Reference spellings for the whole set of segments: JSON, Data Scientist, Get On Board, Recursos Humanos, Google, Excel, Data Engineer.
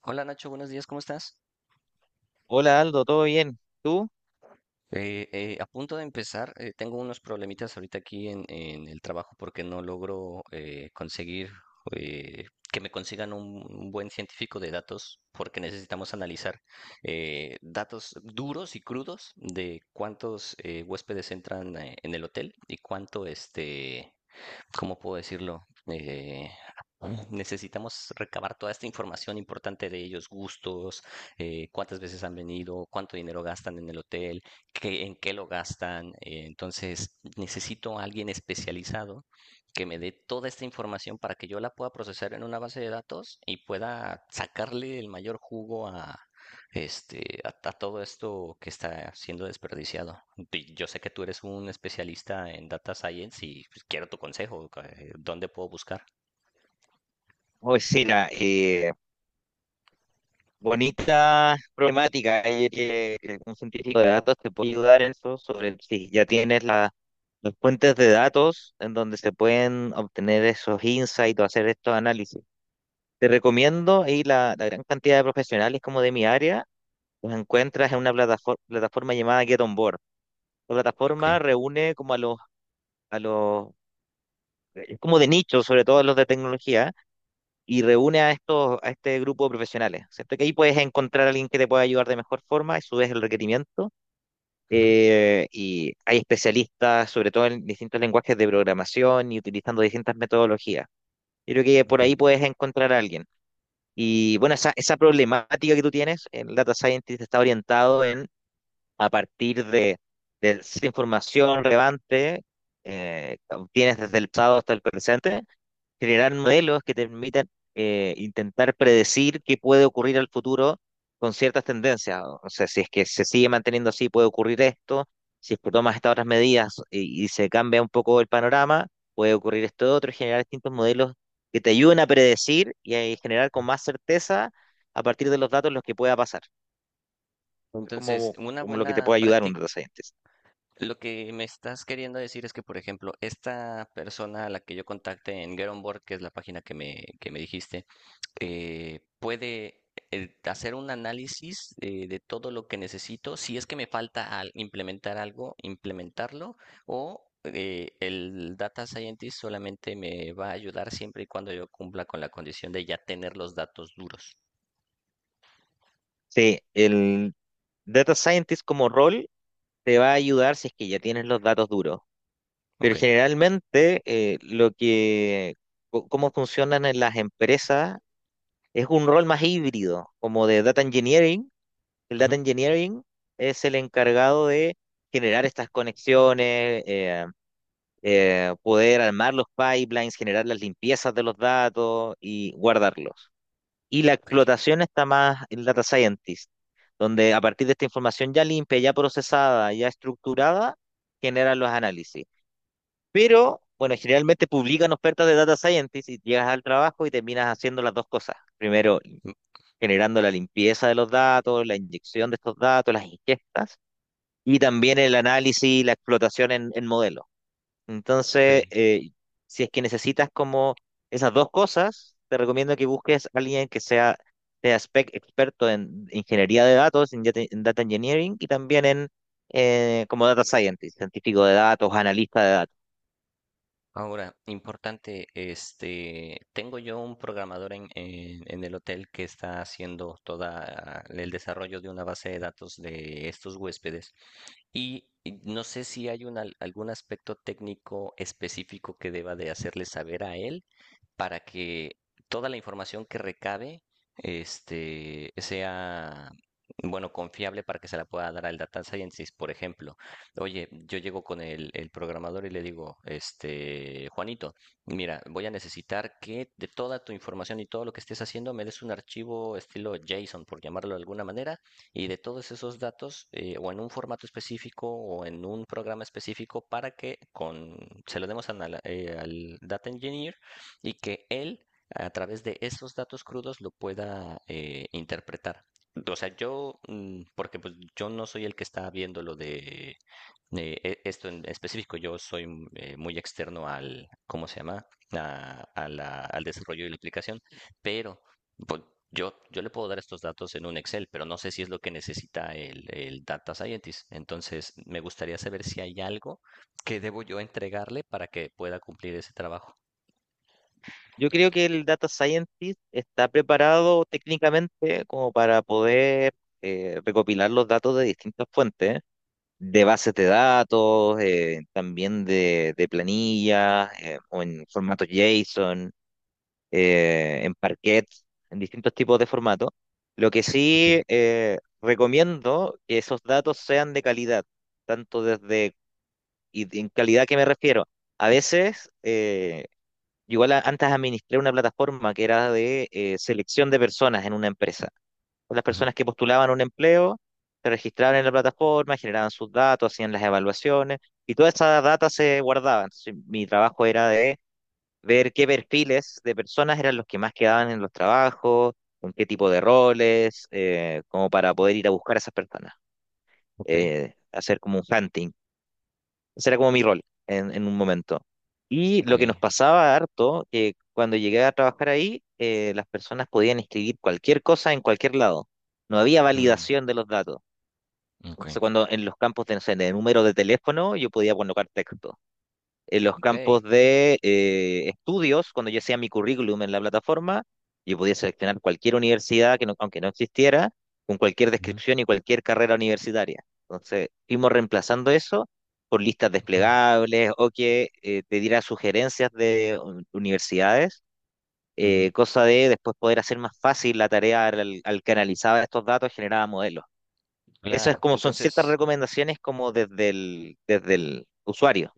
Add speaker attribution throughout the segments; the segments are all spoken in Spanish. Speaker 1: Hola Nacho, buenos días, ¿cómo estás?
Speaker 2: Hola Aldo, ¿todo bien? ¿Tú?
Speaker 1: A punto de empezar, tengo unos problemitas ahorita aquí en el trabajo porque no logro conseguir eh, que me consigan un buen científico de datos porque necesitamos analizar datos duros y crudos de cuántos huéspedes entran en el hotel y cuánto este, ¿cómo puedo decirlo? Ah, necesitamos recabar toda esta información importante de ellos, gustos, cuántas veces han venido, cuánto dinero gastan en el hotel, en qué lo gastan. Entonces, necesito a alguien especializado que me dé toda esta información para que yo la pueda procesar en una base de datos y pueda sacarle el mayor jugo a todo esto que está siendo desperdiciado. Y yo sé que tú eres un especialista en data science y pues, quiero tu consejo, ¿dónde puedo buscar?
Speaker 2: Pues sí, mira, bonita problemática. Ayer que un científico de datos te puede ayudar en eso, sobre si ya tienes las fuentes de datos en donde se pueden obtener esos insights o hacer estos análisis. Te recomiendo, ahí la gran cantidad de profesionales como de mi área, los encuentras en una plataforma, plataforma llamada Get On Board. La
Speaker 1: Ok.
Speaker 2: plataforma reúne como a a los, es como de nicho, sobre todo los de tecnología, y reúne a estos, a este grupo de profesionales. Siento que ahí puedes encontrar a alguien que te pueda ayudar de mejor forma, y subes el requerimiento.
Speaker 1: Ujú,
Speaker 2: Y hay especialistas, sobre todo en distintos lenguajes de programación y utilizando distintas metodologías. Yo creo que por
Speaker 1: ok.
Speaker 2: ahí puedes encontrar a alguien. Y bueno, esa problemática que tú tienes, el data scientist está orientado en, a partir de esa información relevante, que obtienes desde el pasado hasta el presente, generar modelos que te permitan intentar predecir qué puede ocurrir al futuro con ciertas tendencias. O sea, si es que se sigue manteniendo así, puede ocurrir esto. Si es que tomas estas otras medidas y se cambia un poco el panorama, puede ocurrir esto otro, y generar distintos modelos que te ayuden a predecir y a generar con más certeza a partir de los datos los que pueda pasar. Es
Speaker 1: Entonces,
Speaker 2: como,
Speaker 1: una
Speaker 2: como lo que te
Speaker 1: buena
Speaker 2: puede ayudar un
Speaker 1: práctica,
Speaker 2: data scientist.
Speaker 1: lo que me estás queriendo decir es que, por ejemplo, esta persona a la que yo contacte en Get On Board, que es la página que me dijiste, puede hacer un análisis de todo lo que necesito, si es que me falta al implementar algo, implementarlo, o el data scientist solamente me va a ayudar siempre y cuando yo cumpla con la condición de ya tener los datos duros.
Speaker 2: Sí, el data scientist como rol te va a ayudar si es que ya tienes los datos duros. Pero
Speaker 1: Ok.
Speaker 2: generalmente cómo funcionan en las empresas es un rol más híbrido, como de data engineering. El data
Speaker 1: Ujú.
Speaker 2: engineering es el encargado de generar estas conexiones, poder armar los pipelines, generar las limpiezas de los datos y guardarlos. Y la
Speaker 1: Ok,
Speaker 2: explotación está más el data scientist, donde a partir de esta información ya limpia, ya procesada, ya estructurada, genera los análisis. Pero, bueno, generalmente publican ofertas de data scientist y llegas al trabajo y terminas haciendo las dos cosas. Primero,
Speaker 1: mm,
Speaker 2: generando la limpieza de los datos, la inyección de estos datos, las ingestas, y también el análisis y la explotación en modelos.
Speaker 1: ok.
Speaker 2: Entonces, si es que necesitas como esas dos cosas, te recomiendo que busques a alguien que sea, sea spec experto en ingeniería de datos, en data engineering y también en como data scientist, científico de datos, analista de datos.
Speaker 1: Ahora, importante, este, tengo yo un programador en el hotel que está haciendo todo el desarrollo de una base de datos de estos huéspedes. Y no sé si hay algún aspecto técnico específico que deba de hacerle saber a él para que toda la información que recabe este, sea, bueno, confiable para que se la pueda dar al data scientist, por ejemplo. Oye, yo llego con el programador y le digo, este, Juanito, mira, voy a necesitar que de toda tu información y todo lo que estés haciendo me des un archivo estilo JSON, por llamarlo de alguna manera, y de todos esos datos o en un formato específico o en un programa específico para que se lo demos al data engineer y que él a través de esos datos crudos lo pueda interpretar. O sea, yo, porque pues yo no soy el que está viendo lo de esto en específico, yo soy muy externo al, ¿cómo se llama? Al desarrollo de la aplicación, pero pues yo le puedo dar estos datos en un Excel, pero no sé si es lo que necesita el Data Scientist. Entonces, me gustaría saber si hay algo que debo yo entregarle para que pueda cumplir ese trabajo.
Speaker 2: Yo creo que el data scientist está preparado técnicamente como para poder recopilar los datos de distintas fuentes, de bases de datos, también de planillas, o en formato JSON, en Parquet, en distintos tipos de formatos. Lo que
Speaker 1: Okay.
Speaker 2: sí recomiendo que esos datos sean de calidad, tanto desde, y en calidad que me refiero. A veces... Igual antes administré una plataforma que era de selección de personas en una empresa. Pues las
Speaker 1: Ujú,
Speaker 2: personas que postulaban un empleo se registraban en la plataforma, generaban sus datos, hacían las evaluaciones y toda esa data se guardaba. Entonces, mi trabajo era de ver qué perfiles de personas eran los que más quedaban en los trabajos, con qué tipo de roles, como para poder ir a buscar a esas personas.
Speaker 1: ok,
Speaker 2: Hacer como un hunting, ese era como mi rol en un momento. Y
Speaker 1: ok,
Speaker 2: lo que nos pasaba harto, que cuando llegué a trabajar ahí, las personas podían escribir cualquier cosa en cualquier lado. No había
Speaker 1: mm,
Speaker 2: validación de los datos.
Speaker 1: ok,
Speaker 2: Entonces, cuando en los campos de, no sé, de número de teléfono, yo podía colocar texto en los
Speaker 1: ok,
Speaker 2: campos de estudios, cuando yo hacía mi currículum en la plataforma, yo podía seleccionar cualquier universidad, que no- aunque no existiera, con cualquier
Speaker 1: ujú,
Speaker 2: descripción y cualquier carrera universitaria. Entonces, fuimos reemplazando eso por listas
Speaker 1: ok,
Speaker 2: desplegables o que te diera sugerencias de universidades,
Speaker 1: ujú.
Speaker 2: cosa de después poder hacer más fácil la tarea al canalizar estos datos, generaba modelos. Eso es
Speaker 1: Claro,
Speaker 2: como son ciertas
Speaker 1: entonces.
Speaker 2: recomendaciones como desde desde el usuario.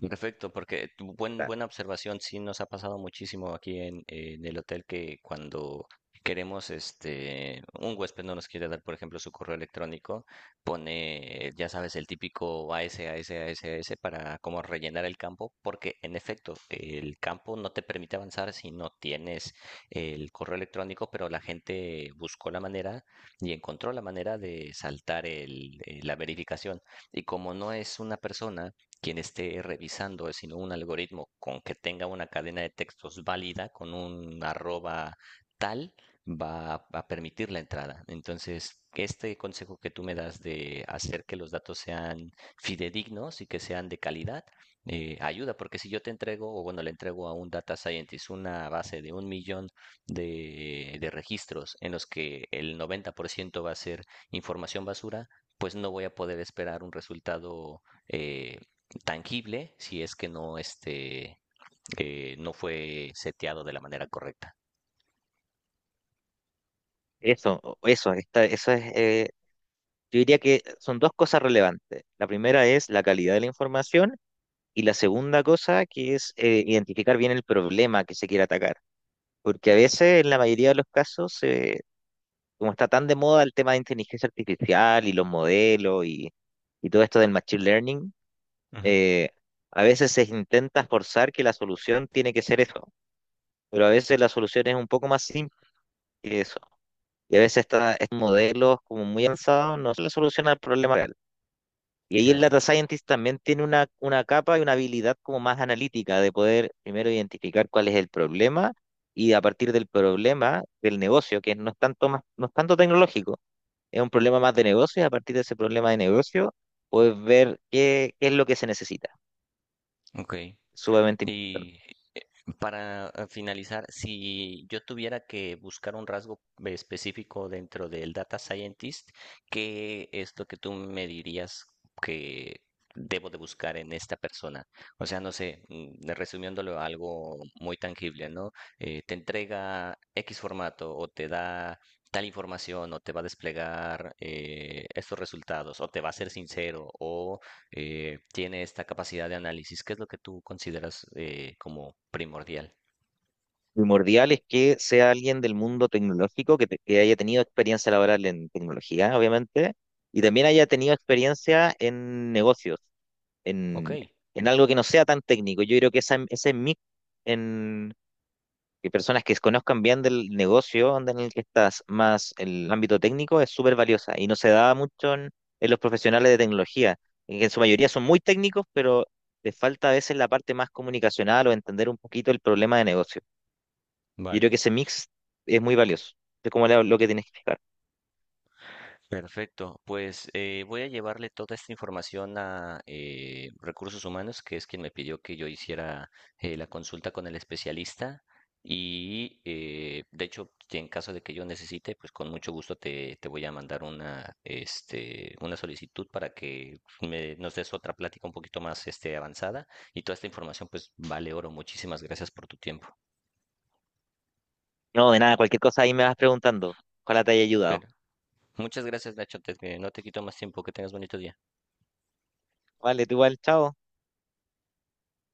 Speaker 1: Perfecto, porque tu buena observación, sí nos ha pasado muchísimo aquí en el hotel que cuando queremos, este, un huésped no nos quiere dar, por ejemplo, su correo electrónico, pone, ya sabes, el típico AS, s AS, s A S, A S para como rellenar el campo, porque en efecto, el campo no te permite avanzar si no tienes el correo electrónico, pero la gente buscó la manera y encontró la manera de saltar la verificación. Y como no es una persona, quien esté revisando, sino un algoritmo con que tenga una cadena de textos válida, con un arroba tal, va a- permitir la entrada. Entonces, este consejo que tú me das de hacer que los datos sean fidedignos y que sean de calidad, ayuda, porque si yo te entrego, o bueno, le entrego a un data scientist una base de un millón de registros en los que el 90% va a ser información basura, pues no voy a poder esperar un resultado eh, tangible si es que no fue seteado de la manera correcta.
Speaker 2: Eso, o- eso, esta- eso es, yo diría que son dos cosas relevantes. La primera es la calidad de la información y la segunda cosa que es identificar bien el problema que se quiere atacar. Porque a veces, en la mayoría de los casos, como está tan de moda el tema de inteligencia artificial y los modelos y todo esto del machine learning,
Speaker 1: Ujú,
Speaker 2: eh, a veces se intenta forzar que la solución tiene que ser eso, pero a veces la solución es un poco más simple que eso. Y a veces estos modelos como muy avanzados no solo solucionan el problema real. Y ahí el
Speaker 1: claro,
Speaker 2: data scientist también tiene una capa y una habilidad como más analítica de poder primero identificar cuál es el problema y a partir del problema del negocio, que no es tanto más, no es tanto tecnológico, es un problema más de negocio y a partir de ese problema de negocio puedes ver qué es lo que se necesita.
Speaker 1: ok.
Speaker 2: Sumamente importante.
Speaker 1: Y para finalizar, si yo tuviera que buscar un rasgo específico dentro del data scientist, ¿qué es lo que tú me dirías que debo de buscar en esta persona? O sea, no sé, resumiéndolo a algo muy tangible, ¿no? Te entrega X formato o te da tal información o te va a desplegar estos resultados o te va a ser sincero o tiene esta capacidad de análisis, qué es lo que tú consideras como primordial.
Speaker 2: Primordial es que sea alguien del mundo tecnológico que haya tenido experiencia laboral en tecnología, obviamente, y también haya tenido experiencia en negocios,
Speaker 1: Ok,
Speaker 2: en, en algo que no sea tan técnico. Yo creo que esa, ese mix en que personas que conozcan bien del negocio onda, en el que estás, más el ámbito técnico, es súper valiosa y no se da mucho en los profesionales de tecnología, en que en su mayoría son muy técnicos, pero les falta a veces la parte más comunicacional o entender un poquito el problema de negocio. Yo creo
Speaker 1: vale.
Speaker 2: que ese mix es muy valioso. Es como lo que tienes que explicar.
Speaker 1: Perfecto, pues voy a llevarle toda esta información a Recursos Humanos, que es quien me pidió que yo hiciera la consulta con el especialista. Y de hecho, si en caso de que yo necesite, pues con mucho gusto te voy a mandar una solicitud para que nos des otra plática un poquito más este, avanzada. Y toda esta información, pues vale oro. Muchísimas gracias por tu tiempo.
Speaker 2: No, de nada, cualquier cosa ahí me vas preguntando. Ojalá te haya ayudado.
Speaker 1: Pero muchas gracias, Nacho. No te quito más tiempo. Que tengas bonito día.
Speaker 2: Vale, tú igual, chao.